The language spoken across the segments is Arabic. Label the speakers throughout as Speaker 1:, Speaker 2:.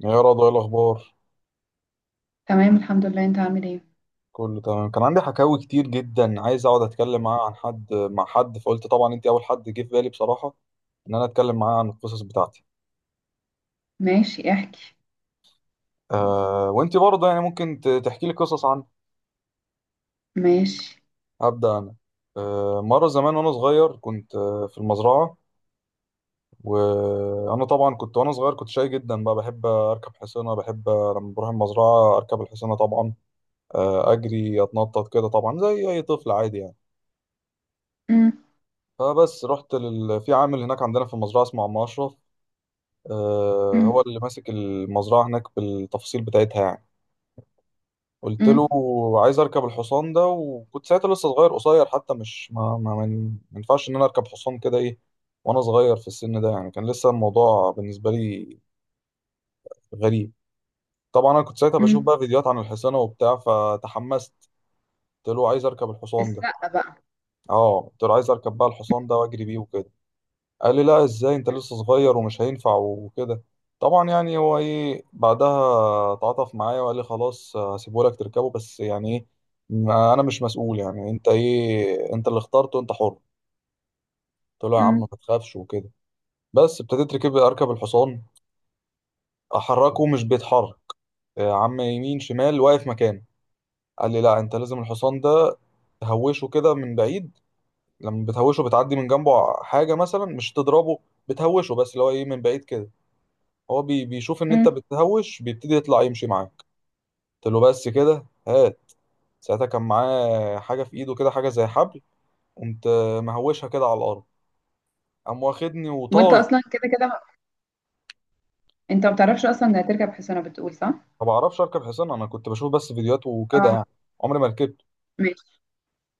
Speaker 1: يا رضوى ايه الاخبار؟
Speaker 2: تمام، الحمد لله. انت عامل ايه؟
Speaker 1: كله تمام، كان عندي حكاوي كتير جدا، عايز اقعد اتكلم معاه عن حد مع حد، فقلت طبعا انت اول حد جه في بالي بصراحه ان انا اتكلم معاه عن القصص بتاعتي.
Speaker 2: ماشي، احكي.
Speaker 1: آه وانت برضه يعني ممكن تحكي لي قصص عنها.
Speaker 2: ماشي.
Speaker 1: هبدا انا. آه مره زمان وانا صغير كنت في المزرعه. وانا طبعا كنت وانا صغير كنت شاي جدا بقى، بحب اركب حصانه، بحب لما بروح المزرعه اركب الحصانه طبعا. آه اجري اتنطط كده، طبعا زي اي طفل عادي يعني.
Speaker 2: أم.
Speaker 1: فبس رحت في عامل هناك عندنا في المزرعة اسمه عم أشرف. آه
Speaker 2: أم.
Speaker 1: هو اللي ماسك المزرعة هناك بالتفاصيل بتاعتها يعني. قلت له
Speaker 2: أم.
Speaker 1: عايز أركب الحصان ده، وكنت ساعتها لسه صغير قصير حتى، مش ما ينفعش إن أنا أركب حصان كده، إيه وأنا صغير في السن ده، يعني كان لسه الموضوع بالنسبة لي غريب. طبعا أنا كنت ساعتها بشوف
Speaker 2: أم.
Speaker 1: بقى فيديوهات عن الحصانة وبتاع، فتحمست. قلت له عايز أركب الحصان ده.
Speaker 2: السقة بقى.
Speaker 1: أه قلت له عايز أركب بقى الحصان ده وأجري بيه وكده. قال لي لا، ازاي؟ انت لسه صغير ومش هينفع وكده. طبعا يعني هو ايه بعدها تعاطف معايا وقال لي خلاص هسيبه لك تركبه، بس يعني ايه، انا مش مسؤول، يعني انت ايه، انت اللي اخترته، انت حر. قلت له يا عم
Speaker 2: أم.
Speaker 1: ما تخافش وكده. بس ابتديت اركب، اركب الحصان. احركه مش بيتحرك، يا عم يمين شمال واقف مكانه. قال لي لا، انت لازم الحصان ده تهوشه كده من بعيد، لما بتهوشه بتعدي من جنبه حاجة مثلا مش تضربه، بتهوشه بس اللي هو ايه من بعيد كده، هو بيشوف ان انت
Speaker 2: أم.
Speaker 1: بتهوش بيبتدي يطلع يمشي معاك. قلت له بس كده هات. ساعتها كان معاه حاجه في ايده كده، حاجه زي حبل. قمت مهوشها كده على الارض، قام واخدني
Speaker 2: وانت
Speaker 1: وطاي.
Speaker 2: اصلا كده كده، انت ما بتعرفش اصلا ده هتركب حصانة، بتقول صح.
Speaker 1: ما بعرفش اركب حصان، انا كنت بشوف بس فيديوهات وكده
Speaker 2: اه.
Speaker 1: يعني، عمري ما ركبت.
Speaker 2: ماشي.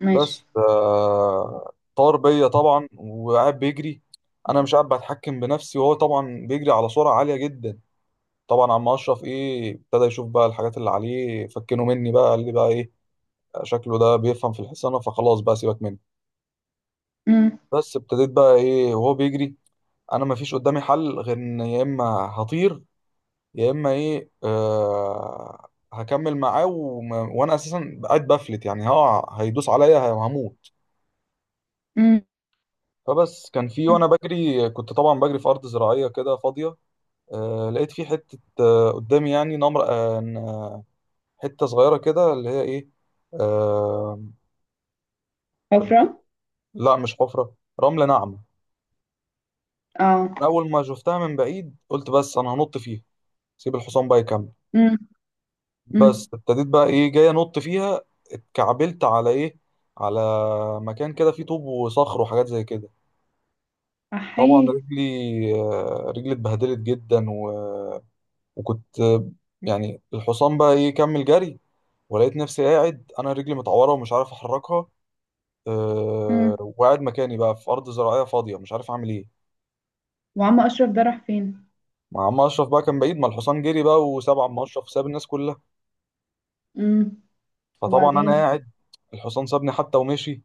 Speaker 2: ماشي.
Speaker 1: بس طار بيا طبعا وقاعد بيجري، انا مش قاعد بتحكم بنفسي، وهو طبعا بيجري على سرعه عاليه جدا. طبعا عم اشرف ايه، ابتدى يشوف بقى الحاجات اللي عليه، فكنه مني بقى، قال لي بقى ايه، شكله ده بيفهم في الحصانه، فخلاص بقى سيبك مني.
Speaker 2: أم.
Speaker 1: بس ابتديت بقى ايه وهو بيجري، انا ما فيش قدامي حل غير ان يا اما هطير، يا اما ايه آه هكمل معاه، وانا اساسا قاعد بفلت يعني هقع هيدوس عليا هموت.
Speaker 2: أم.
Speaker 1: فبس كان في، وانا
Speaker 2: أم.
Speaker 1: بجري كنت طبعا بجري في ارض زراعيه كده فاضيه. آه لقيت في حته آه قدامي يعني نمر آه، حته صغيره كده اللي هي ايه، آه،
Speaker 2: حفرة.
Speaker 1: لا مش حفره، رمله ناعمه.
Speaker 2: اه.
Speaker 1: أنا اول ما شفتها من بعيد قلت بس انا هنط فيها، سيب الحصان بقى يكمل.
Speaker 2: أم. أم.
Speaker 1: بس ابتديت بقى ايه جاي انط فيها، اتكعبلت على ايه، على مكان كده فيه طوب وصخر وحاجات زي كده. طبعا
Speaker 2: احيي.
Speaker 1: رجلي، رجلي اتبهدلت جدا و... وكنت يعني الحصان بقى ايه كمل جري، ولقيت نفسي قاعد انا رجلي متعوره ومش عارف احركها.
Speaker 2: أم.
Speaker 1: وقاعد مكاني بقى في ارض زراعيه فاضيه مش عارف اعمل ايه.
Speaker 2: وعم اشرف ده راح فين؟
Speaker 1: مع عم اشرف بقى كان بعيد، ما الحصان جري بقى وساب عم اشرف، ساب الناس كلها.
Speaker 2: أم.
Speaker 1: فطبعا انا
Speaker 2: وبعدين؟
Speaker 1: قاعد، الحصان سابني حتى ومشي،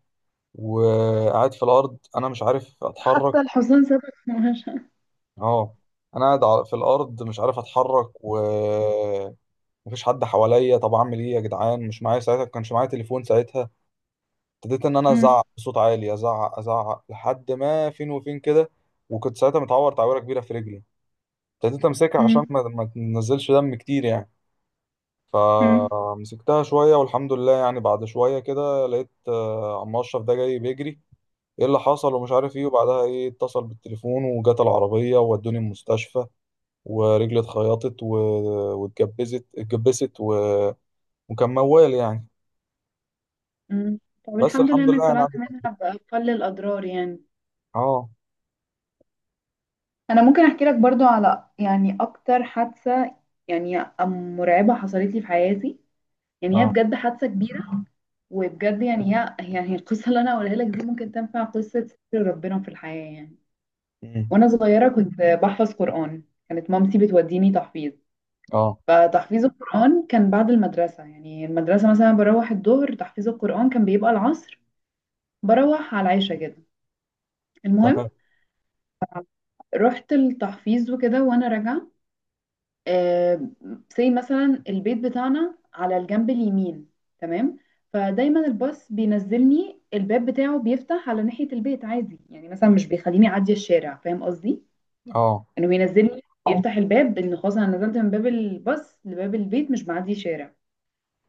Speaker 1: وقاعد في الارض انا مش عارف اتحرك.
Speaker 2: حتى الحصان سابك في مهاجة.
Speaker 1: اه، انا قاعد في الارض مش عارف اتحرك، ومفيش حد حواليا، طب اعمل ايه يا جدعان، مش معايا ساعتها، كانش معايا تليفون ساعتها. ابتديت ان انا
Speaker 2: أم.
Speaker 1: ازعق بصوت عالي، ازعق ازعق لحد ما فين وفين كده. وكنت ساعتها متعور تعويره كبيره في رجلي، ابتديت امسكها عشان
Speaker 2: أم.
Speaker 1: ما تنزلش دم كتير يعني.
Speaker 2: أم.
Speaker 1: فمسكتها شويه، والحمد لله يعني بعد شويه كده لقيت عم اشرف ده جاي بيجري، ايه اللي حصل ومش عارف ايه. وبعدها ايه اتصل بالتليفون وجت العربية وودوني المستشفى، ورجلي اتخيطت و... اتجبست و... وكان موال يعني.
Speaker 2: أم. طب
Speaker 1: بس
Speaker 2: الحمد لله
Speaker 1: الحمد لله
Speaker 2: انك
Speaker 1: يعني
Speaker 2: طلعت
Speaker 1: عدت.
Speaker 2: منها بأقل الاضرار يعني.
Speaker 1: اه.
Speaker 2: انا ممكن احكي لك برضو على يعني اكتر حادثة، يعني مرعبة حصلت لي في حياتي. يعني هي
Speaker 1: اه.
Speaker 2: بجد حادثة كبيرة. وبجد يعني هي يعني القصة اللي انا هقولها لك دي ممكن تنفع قصة ستر ربنا في الحياة يعني.
Speaker 1: امم.
Speaker 2: وانا صغيرة كنت بحفظ قرآن. كانت مامتي بتوديني تحفيظ.
Speaker 1: اه.
Speaker 2: فتحفيظ القرآن كان بعد المدرسة، يعني المدرسة مثلا بروح الظهر، تحفيظ القرآن كان بيبقى العصر، بروح على العشاء كده. المهم،
Speaker 1: تمام.
Speaker 2: رحت التحفيظ وكده وانا راجعة. آه، زي مثلا البيت بتاعنا على الجنب اليمين. تمام. فدايما الباص بينزلني، الباب بتاعه بيفتح على ناحية البيت عادي، يعني مثلا مش بيخليني اعدي الشارع، فاهم قصدي؟
Speaker 1: اه.
Speaker 2: انه بينزلني يفتح الباب ان خلاص انا نزلت من باب الباص لباب البيت، مش بعدي شارع.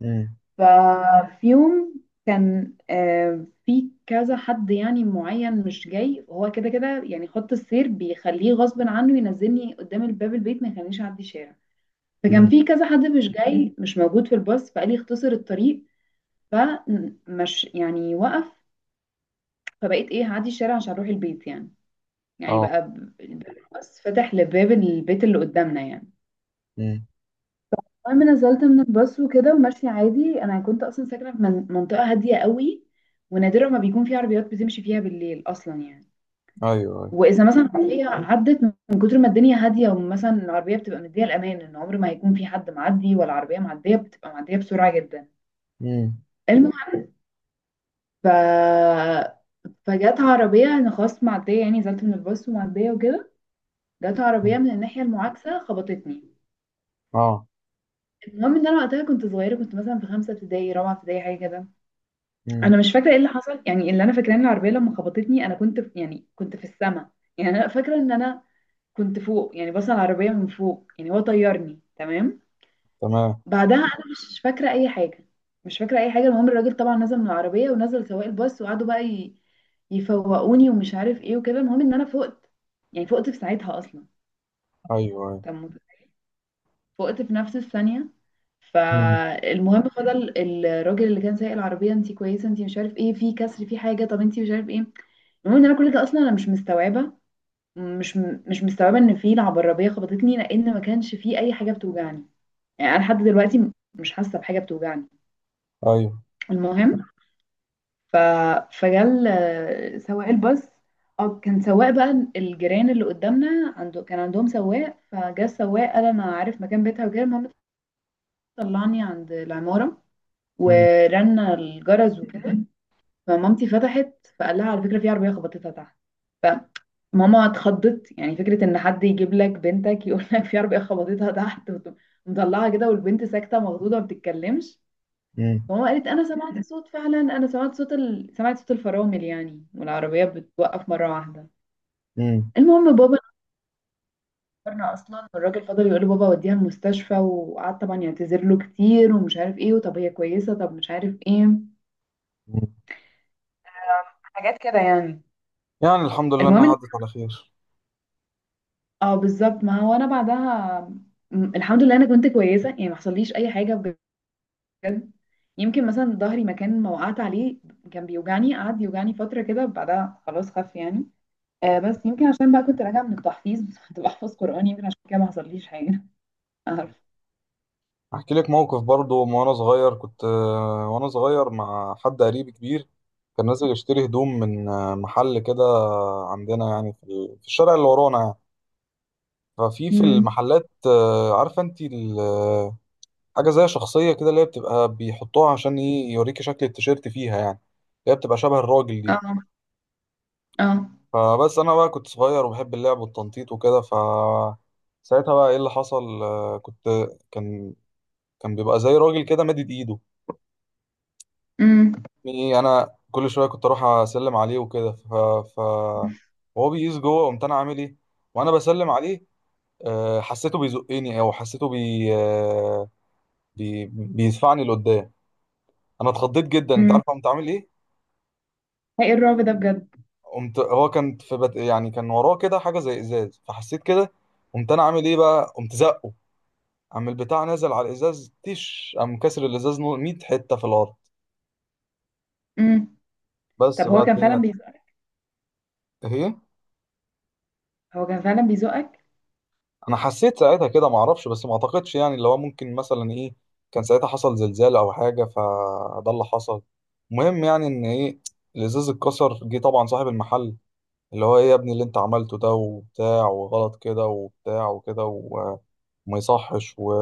Speaker 1: امم.
Speaker 2: ففي يوم كان في كذا حد يعني معين مش جاي، هو كده كده يعني، خط السير بيخليه غصب عنه ينزلني قدام الباب البيت، ما يخلينيش اعدي شارع. فكان
Speaker 1: امم.
Speaker 2: في كذا حد مش جاي مش موجود في الباص، فقال لي اختصر الطريق. فمش يعني وقف. فبقيت ايه هعدي الشارع عشان اروح البيت يعني. يعني
Speaker 1: اه.
Speaker 2: بقى الباص فتح لباب البيت اللي قدامنا يعني.
Speaker 1: امم.
Speaker 2: المهم، نزلت من الباص وكده وماشية عادي. انا كنت اصلا ساكنة في منطقة هادية قوي. ونادرا ما بيكون في عربيات بتمشي فيها بالليل اصلا يعني.
Speaker 1: ايوه ايوه.
Speaker 2: واذا مثلا عربية عدت، من كتر ما الدنيا هادية، ومثلا العربية بتبقى مدية الامان ان عمر ما هيكون في حد معدي ولا عربية معدية، بتبقى معدية بسرعة جدا.
Speaker 1: امم.
Speaker 2: المهم ف... فجت عربية، أنا خلاص معدية يعني، نزلت من الباص ومعدية وكده. جت عربية من الناحية المعاكسة خبطتني.
Speaker 1: اه.
Speaker 2: المهم ان انا وقتها كنت صغيره، كنت مثلا في خمسه ابتدائي رابعه ابتدائي حاجه كده.
Speaker 1: امم.
Speaker 2: انا مش فاكره ايه اللي حصل يعني. اللي انا فاكراه ان العربيه لما خبطتني انا كنت في، يعني كنت في السما. يعني انا فاكره ان انا كنت فوق يعني، بس على العربيه من فوق، يعني هو طيرني. تمام.
Speaker 1: تمام.
Speaker 2: بعدها انا مش فاكره اي حاجه. مش فاكره اي حاجه. المهم الراجل طبعا نزل من العربيه، ونزل سواق الباص، وقعدوا بقى يفوقوني ومش عارف ايه وكده. المهم ان انا فقت يعني. فقت في ساعتها اصلا.
Speaker 1: ايوه ايوه.
Speaker 2: طب فقت في نفس الثانيه.
Speaker 1: امم.
Speaker 2: فالمهم فضل الراجل اللي كان سايق العربيه، انت كويسه؟ انت مش عارف ايه في كسر في حاجه؟ طب انت مش عارف ايه. المهم ان انا كل ده اصلا انا مش مستوعبه. مش مش مستوعبه ان في العربيه خبطتني، لان ما كانش في اي حاجه بتوجعني. يعني انا لحد دلوقتي مش حاسه بحاجه بتوجعني.
Speaker 1: ايوه.
Speaker 2: المهم ف... فجال سواق الباص. اه كان سواق بقى الجيران اللي قدامنا عنده، كان عندهم سواق، فجا السواق قال انا عارف مكان بيتها وكده. المهم، طلعني عند العمارة،
Speaker 1: امم.
Speaker 2: ورنا الجرس وكده. فمامتي فتحت، فقال لها على فكرة في عربية خبطتها تحت. فماما اتخضت يعني، فكرة ان حد يجيب لك بنتك يقول لك في عربية خبطتها تحت مطلعها كده، والبنت ساكتة مخضوضة ما بتتكلمش.
Speaker 1: امم.
Speaker 2: ماما قالت انا سمعت صوت، فعلا انا سمعت صوت سمعت صوت الفرامل يعني، والعربيات بتوقف مره واحده.
Speaker 1: امم.
Speaker 2: المهم بابا نورنا اصلا، والراجل فضل يقول له، بابا وديها المستشفى، وقعد طبعا يعتذر له كتير ومش عارف ايه، وطب هي كويسه، طب مش عارف ايه، حاجات كده يعني.
Speaker 1: يعني الحمد لله
Speaker 2: المهم
Speaker 1: انها عدت على خير.
Speaker 2: اه بالظبط. ما هو انا بعدها الحمد لله انا كنت كويسه، يعني ما حصليش اي حاجه بجد. يمكن مثلا ظهري مكان ما وقعت عليه كان بيوجعني، قعد يوجعني فتره كده بعدها خلاص خف يعني. بس يمكن عشان بقى كنت راجعة من التحفيظ كنت بحفظ قرآن، يمكن عشان كده ما حصليش حاجة. عارف.
Speaker 1: احكي لك موقف برضو، من وانا صغير كنت وانا صغير مع حد قريب كبير، كان نازل يشتري هدوم من محل كده عندنا يعني في في الشارع اللي ورانا يعني. ففي في
Speaker 2: امم.
Speaker 1: المحلات عارفه انت حاجه زي شخصيه كده اللي هي بتبقى بيحطوها عشان يوريكي شكل التيشيرت فيها يعني، هي بتبقى شبه الراجل دي.
Speaker 2: اه. اه.
Speaker 1: فبس انا بقى كنت صغير وبحب اللعب والتنطيط وكده، ساعتها بقى ايه اللي حصل، آه، كنت كان كان بيبقى زي راجل كده مادد ايده.
Speaker 2: امم.
Speaker 1: إيه انا كل شويه كنت اروح اسلم عليه وكده، ف ف وهو بيقيس جوه، قمت انا عامل ايه وانا بسلم عليه، حسيته بيزقني او حسيته بي آه، بي بيدفعني لقدام. انا اتخضيت جدا، انت
Speaker 2: امم.
Speaker 1: عارف قمت عامل ايه،
Speaker 2: ايه الرعب ده بجد.
Speaker 1: قمت هو كان في يعني كان وراه كده حاجه زي ازاز، فحسيت كده، قمت انا عامل ايه بقى، قمت زقه، قام البتاع نازل على الازاز تيش، قام كسر الازاز 100 حته في الارض.
Speaker 2: امم. طب
Speaker 1: بس بقى
Speaker 2: هو كان
Speaker 1: الدنيا.
Speaker 2: فعلا بيزقك؟
Speaker 1: اهي.
Speaker 2: هو كان فعلا بيزقك؟
Speaker 1: انا حسيت ساعتها كده، ما اعرفش بس ما اعتقدش يعني اللي هو ممكن مثلا ايه كان ساعتها حصل زلزال او حاجه، فده اللي حصل. المهم يعني ان ايه، الازاز اتكسر، جه طبعا صاحب المحل اللي هو ايه، يا ابني اللي انت عملته ده وبتاع، وغلط كده وبتاع وكده و- وما يصحش و...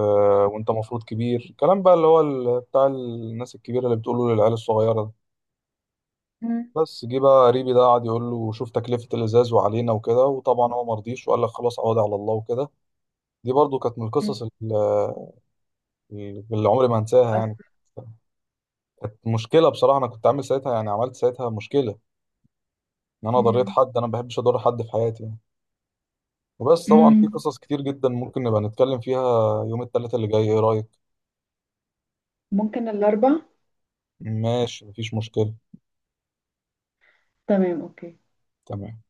Speaker 1: وانت مفروض كبير، الكلام بقى اللي هو بتاع الناس الكبيره اللي بتقوله للعيال الصغيره ده.
Speaker 2: امم.
Speaker 1: بس جه بقى قريبي ده قعد يقول له شوف تكلفه الازاز وعلينا وكده، وطبعا هو مرضيش وقال لك خلاص عوضي على الله وكده. دي برضو كانت من القصص اللي عمري ما انساها يعني.
Speaker 2: مؤثر.
Speaker 1: كانت مشكله بصراحه، انا كنت عامل ساعتها يعني عملت ساعتها مشكله، ان انا ضريت
Speaker 2: امم.
Speaker 1: حد، انا ما بحبش اضر حد في حياتي يعني. وبس طبعا في
Speaker 2: امم.
Speaker 1: قصص كتير جدا ممكن نبقى نتكلم فيها. يوم الثلاثاء اللي جاي ايه رايك؟
Speaker 2: ممكن الأربع.
Speaker 1: ماشي مفيش مشكله.
Speaker 2: تمام، أوكي.
Speaker 1: تمام.